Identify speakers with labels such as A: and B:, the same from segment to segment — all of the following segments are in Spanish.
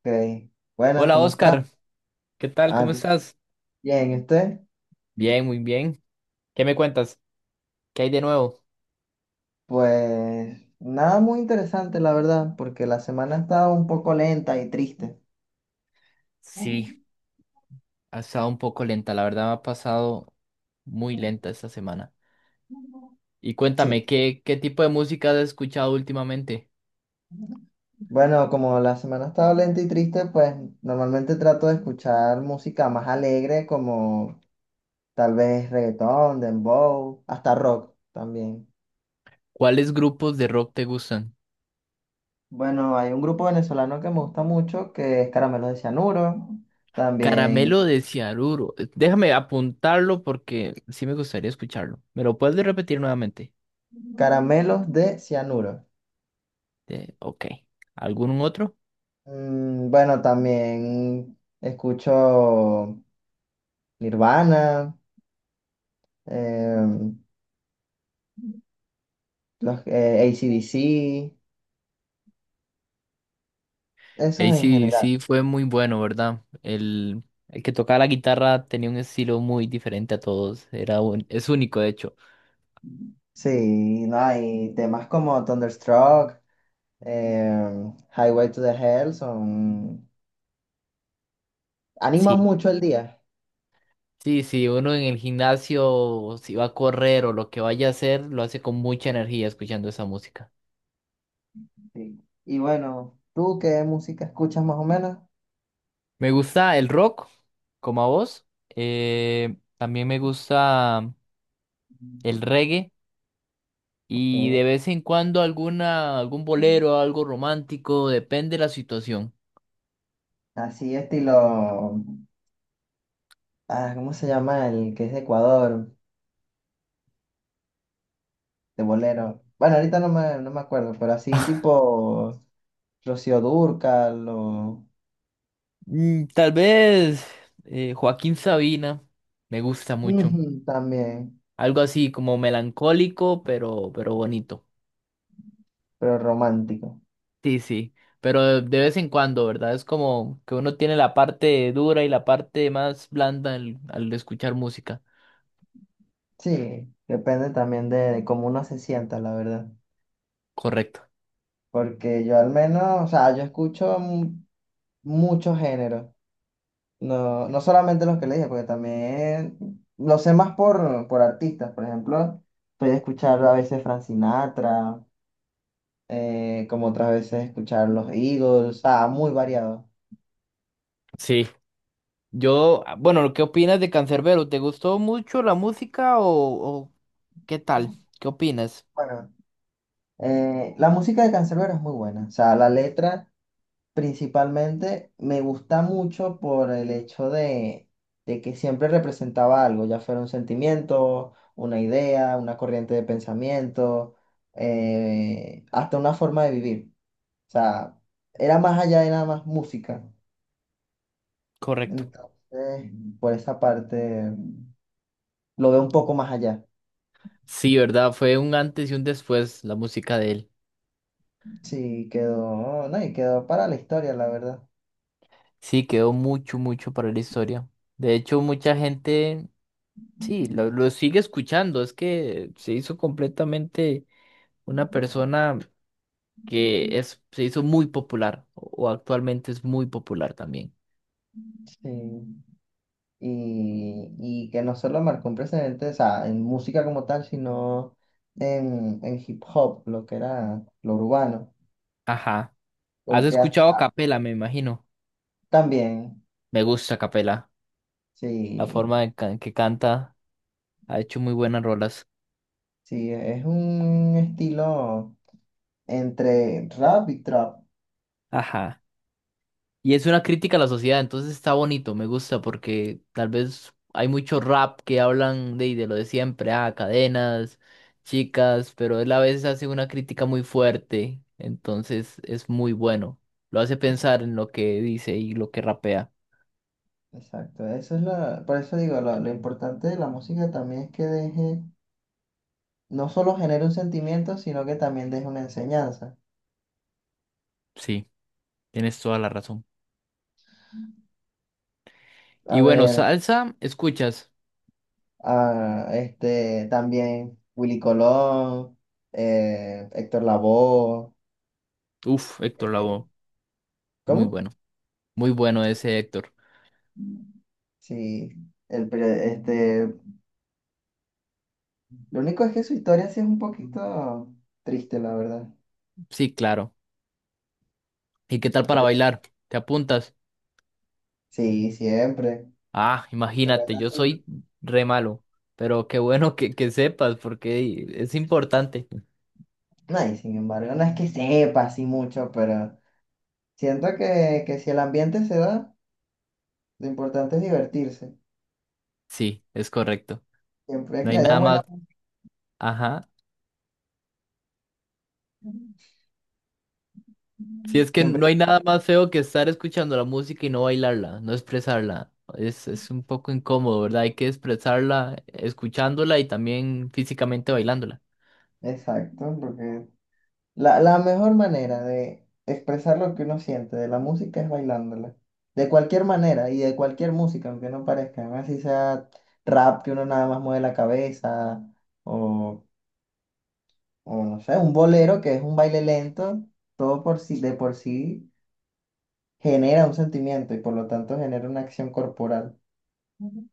A: Ok. Buenas,
B: Hola
A: ¿cómo está?
B: Oscar, ¿qué tal?
A: Ah,
B: ¿Cómo
A: yo-
B: estás?
A: Bien, ¿y usted?
B: Bien, muy bien. ¿Qué me cuentas? ¿Qué hay de nuevo?
A: Pues nada muy interesante, la verdad, porque la semana ha estado un poco lenta y triste.
B: Sí, ha estado un poco lenta, la verdad me ha pasado muy lenta esta semana. Y cuéntame,
A: Sí.
B: ¿qué tipo de música has escuchado últimamente?
A: Bueno, como la semana ha estado lenta y triste, pues normalmente trato de escuchar música más alegre, como tal vez reggaetón, dembow, hasta rock también.
B: ¿Cuáles grupos de rock te gustan?
A: Bueno, hay un grupo venezolano que me gusta mucho, que es Caramelo de Cianuro. También
B: Caramelo de Cianuro. Déjame apuntarlo porque sí me gustaría escucharlo. ¿Me lo puedes repetir nuevamente?
A: Caramelos de cianuro.
B: Ok. ¿Algún otro?
A: Bueno, también escucho Nirvana, em, los AC/DC, esos
B: Ahí
A: en
B: sí,
A: general.
B: sí fue muy bueno, ¿verdad? El que tocaba la guitarra tenía un estilo muy diferente a todos. Es único, de hecho.
A: Sí, no, hay temas como Thunderstruck, Highway to the Hell, son animan
B: Sí,
A: mucho el día.
B: sí, sí, uno en el gimnasio, si va a correr o lo que vaya a hacer, lo hace con mucha energía escuchando esa música.
A: Sí. Y bueno, ¿tú qué música escuchas más o menos?
B: Me gusta el rock, como a vos. También me gusta el reggae y
A: Ok.
B: de vez en cuando algún bolero, algo romántico, depende de la situación.
A: Así estilo. Ah, ¿cómo se llama el que es de Ecuador? De bolero. Bueno, ahorita no me acuerdo, pero así tipo Rocío Dúrcal o
B: Tal vez Joaquín Sabina me gusta mucho.
A: ujú, también,
B: Algo así como melancólico, pero bonito.
A: pero romántico.
B: Sí, sí. Pero de vez en cuando, ¿verdad? Es como que uno tiene la parte dura y la parte más blanda al escuchar música.
A: Sí, depende también de cómo uno se sienta, la verdad.
B: Correcto.
A: Porque yo al menos, o sea, muchos géneros. No, solamente los que le dije, porque también lo sé más por artistas. Por ejemplo, estoy escuchar a veces Frank Sinatra, como otras veces escuchar los Eagles, o sea, muy variado.
B: Sí. Yo, ah, bueno, ¿qué opinas de Canserbero? ¿Te gustó mucho la música o qué tal? ¿Qué opinas?
A: Bueno. La música de Canserbero es muy buena. O sea, la letra principalmente me gusta mucho por el hecho de que siempre representaba algo, ya fuera un sentimiento, una idea, una corriente de pensamiento, hasta una forma de vivir. O sea, era más allá de nada más música.
B: Correcto.
A: Entonces, por esa parte, lo veo un poco más allá.
B: Sí, ¿verdad? Fue un antes y un después la música de él.
A: Sí, quedó, no, y quedó para la historia, la verdad.
B: Sí, quedó mucho, mucho para la historia. De hecho, mucha gente, sí, lo sigue escuchando. Es que se hizo completamente una persona que es, se hizo muy popular o actualmente es muy popular también.
A: Sí. Y que no solo marcó un precedente, o sea, en música como tal, sino en hip hop, lo que era lo urbano,
B: Ajá. ¿Has
A: porque hasta
B: escuchado a Capela, me imagino?
A: también,
B: Me gusta Capela. La
A: sí,
B: forma en que canta ha hecho muy buenas rolas.
A: sí, es un estilo entre rap y trap.
B: Ajá. Y es una crítica a la sociedad, entonces está bonito, me gusta, porque tal vez hay mucho rap que hablan de lo de siempre, ah, cadenas, chicas, pero él a veces hace una crítica muy fuerte, entonces es muy bueno. Lo hace
A: Esa-
B: pensar en lo que dice y lo que rapea.
A: Exacto, eso es la, por eso digo, lo importante de la música también es que deje, no solo genere un sentimiento, sino que también deje una enseñanza.
B: Sí, tienes toda la razón.
A: A
B: Y bueno,
A: ver.
B: salsa, escuchas.
A: Ah, este, también Willy Colón, Héctor Lavoe,
B: Uf, Héctor
A: eh,
B: Lavoe, muy
A: ¿cómo?
B: bueno, muy bueno ese Héctor.
A: Sí, el, pero, este, lo único es que su historia sí es un poquito triste, la verdad.
B: Sí, claro. ¿Y qué tal para
A: Pero
B: bailar? ¿Te apuntas?
A: sí, siempre.
B: Ah, imagínate, yo soy re malo, pero qué bueno que sepas porque es importante.
A: No, y sin embargo, no es que sepa así mucho, pero siento que si el ambiente se da, lo importante es divertirse.
B: Sí, es correcto.
A: Siempre
B: No
A: que
B: hay
A: haya
B: nada
A: buena.
B: más, ajá. Si es que
A: Siempre.
B: no hay nada más feo que estar escuchando la música y no bailarla, no expresarla. Es un poco incómodo, ¿verdad? Hay que expresarla escuchándola y también físicamente bailándola.
A: Exacto, porque la mejor manera de expresar lo que uno siente de la música es bailándola. De cualquier manera y de cualquier música, aunque no parezca, ¿no? Así sea rap que uno nada más mueve la cabeza o, o no sé, un bolero que es un baile lento, todo por sí, de por sí genera un sentimiento y por lo tanto genera una acción corporal. Ujú.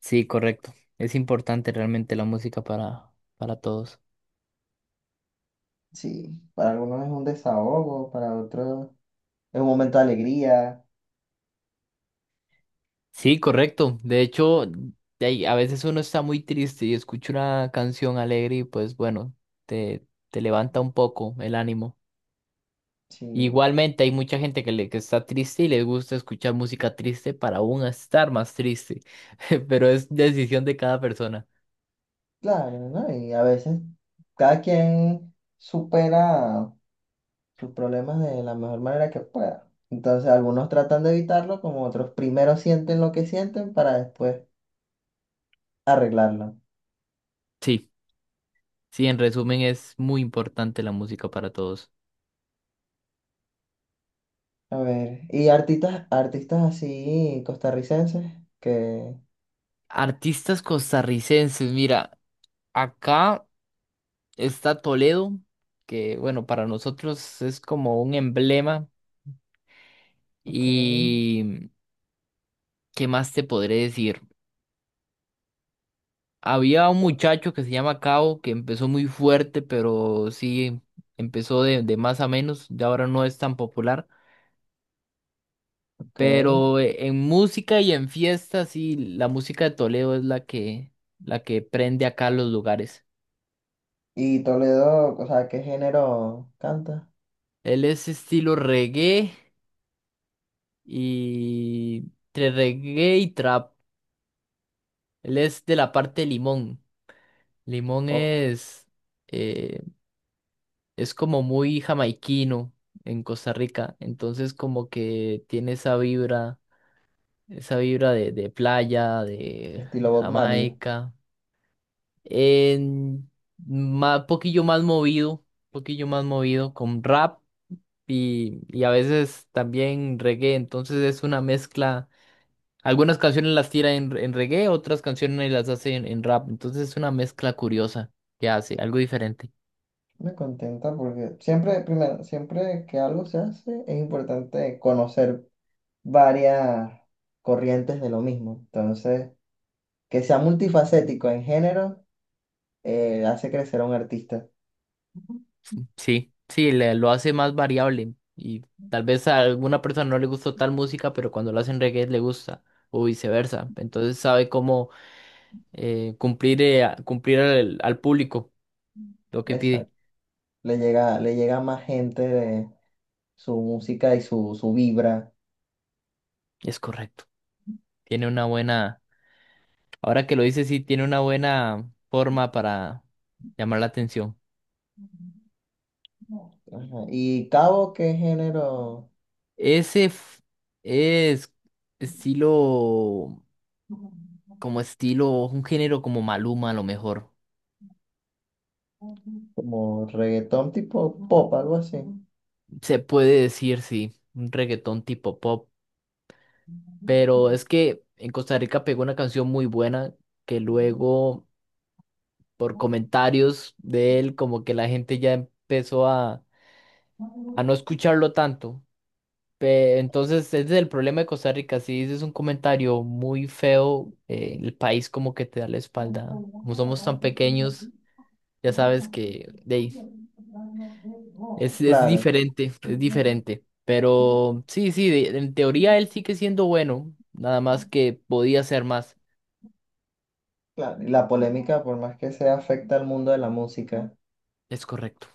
B: Sí, correcto. Es importante realmente la música para todos.
A: Sí, para algunos es un desahogo, para otros es un momento de alegría.
B: Sí, correcto. De hecho, de ahí, a veces uno está muy triste y escucha una canción alegre y pues bueno, te levanta un poco el ánimo.
A: Sí.
B: Igualmente hay mucha gente que está triste y les gusta escuchar música triste para aún estar más triste, pero es decisión de cada persona.
A: Claro, ¿no? Y a veces cada quien supera sus problemas de la mejor manera que pueda. Entonces algunos tratan de evitarlo, como otros primero sienten lo que sienten para después arreglarlo.
B: Sí, sí, en resumen es muy importante la música para todos.
A: A ver, y artistas, artistas así costarricenses que,
B: Artistas costarricenses, mira, acá está Toledo, que bueno, para nosotros es como un emblema.
A: ok,
B: Y qué más te podré decir. Había un muchacho que se llama Cabo que empezó muy fuerte, pero sí empezó de más a menos. Ya ahora no es tan popular.
A: ok.
B: Pero en música y en fiestas, sí, la música de Toledo es la que prende acá los lugares.
A: Y Toledo, o sea, ¿qué género canta?
B: Él es estilo reggae y entre reggae y trap. Él es de la parte de Limón. Limón
A: O
B: es. eh, es como muy jamaiquino en Costa Rica, entonces como que tiene esa vibra de playa, de
A: estilo Bob Marley.
B: Jamaica, en ma- poquillo más movido, poquillo más movido con rap y a veces también reggae, entonces es una mezcla, algunas canciones las tira en reggae, otras canciones las hace en rap, entonces es una mezcla curiosa que hace, algo diferente.
A: Me contenta porque siempre, primero, siempre que algo se hace es importante conocer varias corrientes de lo mismo. Entonces, que sea multifacético en género, hace crecer a un artista.
B: Sí, sí, lo hace más variable y tal vez a alguna persona no le gustó tal música, pero cuando lo hacen reggae le gusta o viceversa. Entonces sabe cómo cumplir, cumplir al público lo que
A: Exacto.
B: pide.
A: Le llega a más gente de su música y su vibra.
B: Es correcto. Tiene una buena, ahora que lo dice, sí, tiene una buena forma para llamar la atención.
A: Ajá. Y Cabo, ¿qué género?
B: Ese f- es estilo, como estilo, un género como Maluma a lo mejor.
A: Como reggaetón tipo pop, algo así.
B: Se puede decir, sí, un reggaetón tipo pop. Pero es que en Costa Rica pegó una canción muy buena que luego, por comentarios de él, como que la gente ya empezó a no escucharlo tanto. Entonces, ese es el problema de Costa Rica. Si dices un comentario muy feo, el país como que te da la espalda. Como somos tan pequeños, ya sabes que de ahí, es
A: Claro,
B: diferente, es diferente. Pero sí, sí, de- en teoría él sigue siendo bueno, nada más que podía ser más.
A: claro. Y la polémica, por más que sea, afecta al mundo de la música.
B: Es correcto.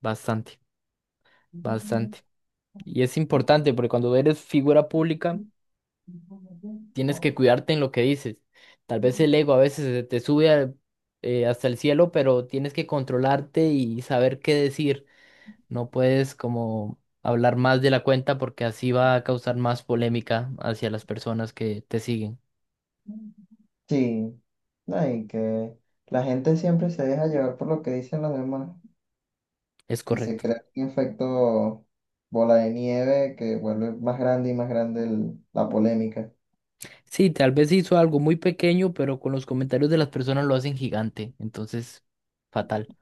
B: Bastante, bastante. Y es importante porque cuando eres figura pública, tienes que cuidarte en lo que dices. Tal vez el ego a veces se te sube hasta el cielo, pero tienes que controlarte y saber qué decir. No puedes como hablar más de la cuenta porque así va a causar más polémica hacia las personas que te siguen.
A: Sí, no, y que la gente siempre se deja llevar por lo que dicen los demás
B: Es
A: y se
B: correcto.
A: crea un efecto bola de nieve que vuelve más grande y más grande la polémica.
B: Sí, tal vez hizo algo muy pequeño, pero con los comentarios de las personas lo hacen gigante. Entonces, fatal.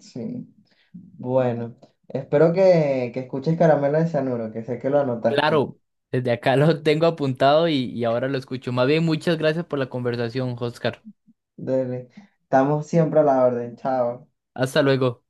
A: Sí. Bueno, espero que escuches Caramelo de Cianuro, que sé que lo anotaste.
B: Claro, desde acá lo tengo apuntado y ahora lo escucho. Más bien, muchas gracias por la conversación, Oscar.
A: Dele. Estamos siempre a la orden. Chao.
B: Hasta luego.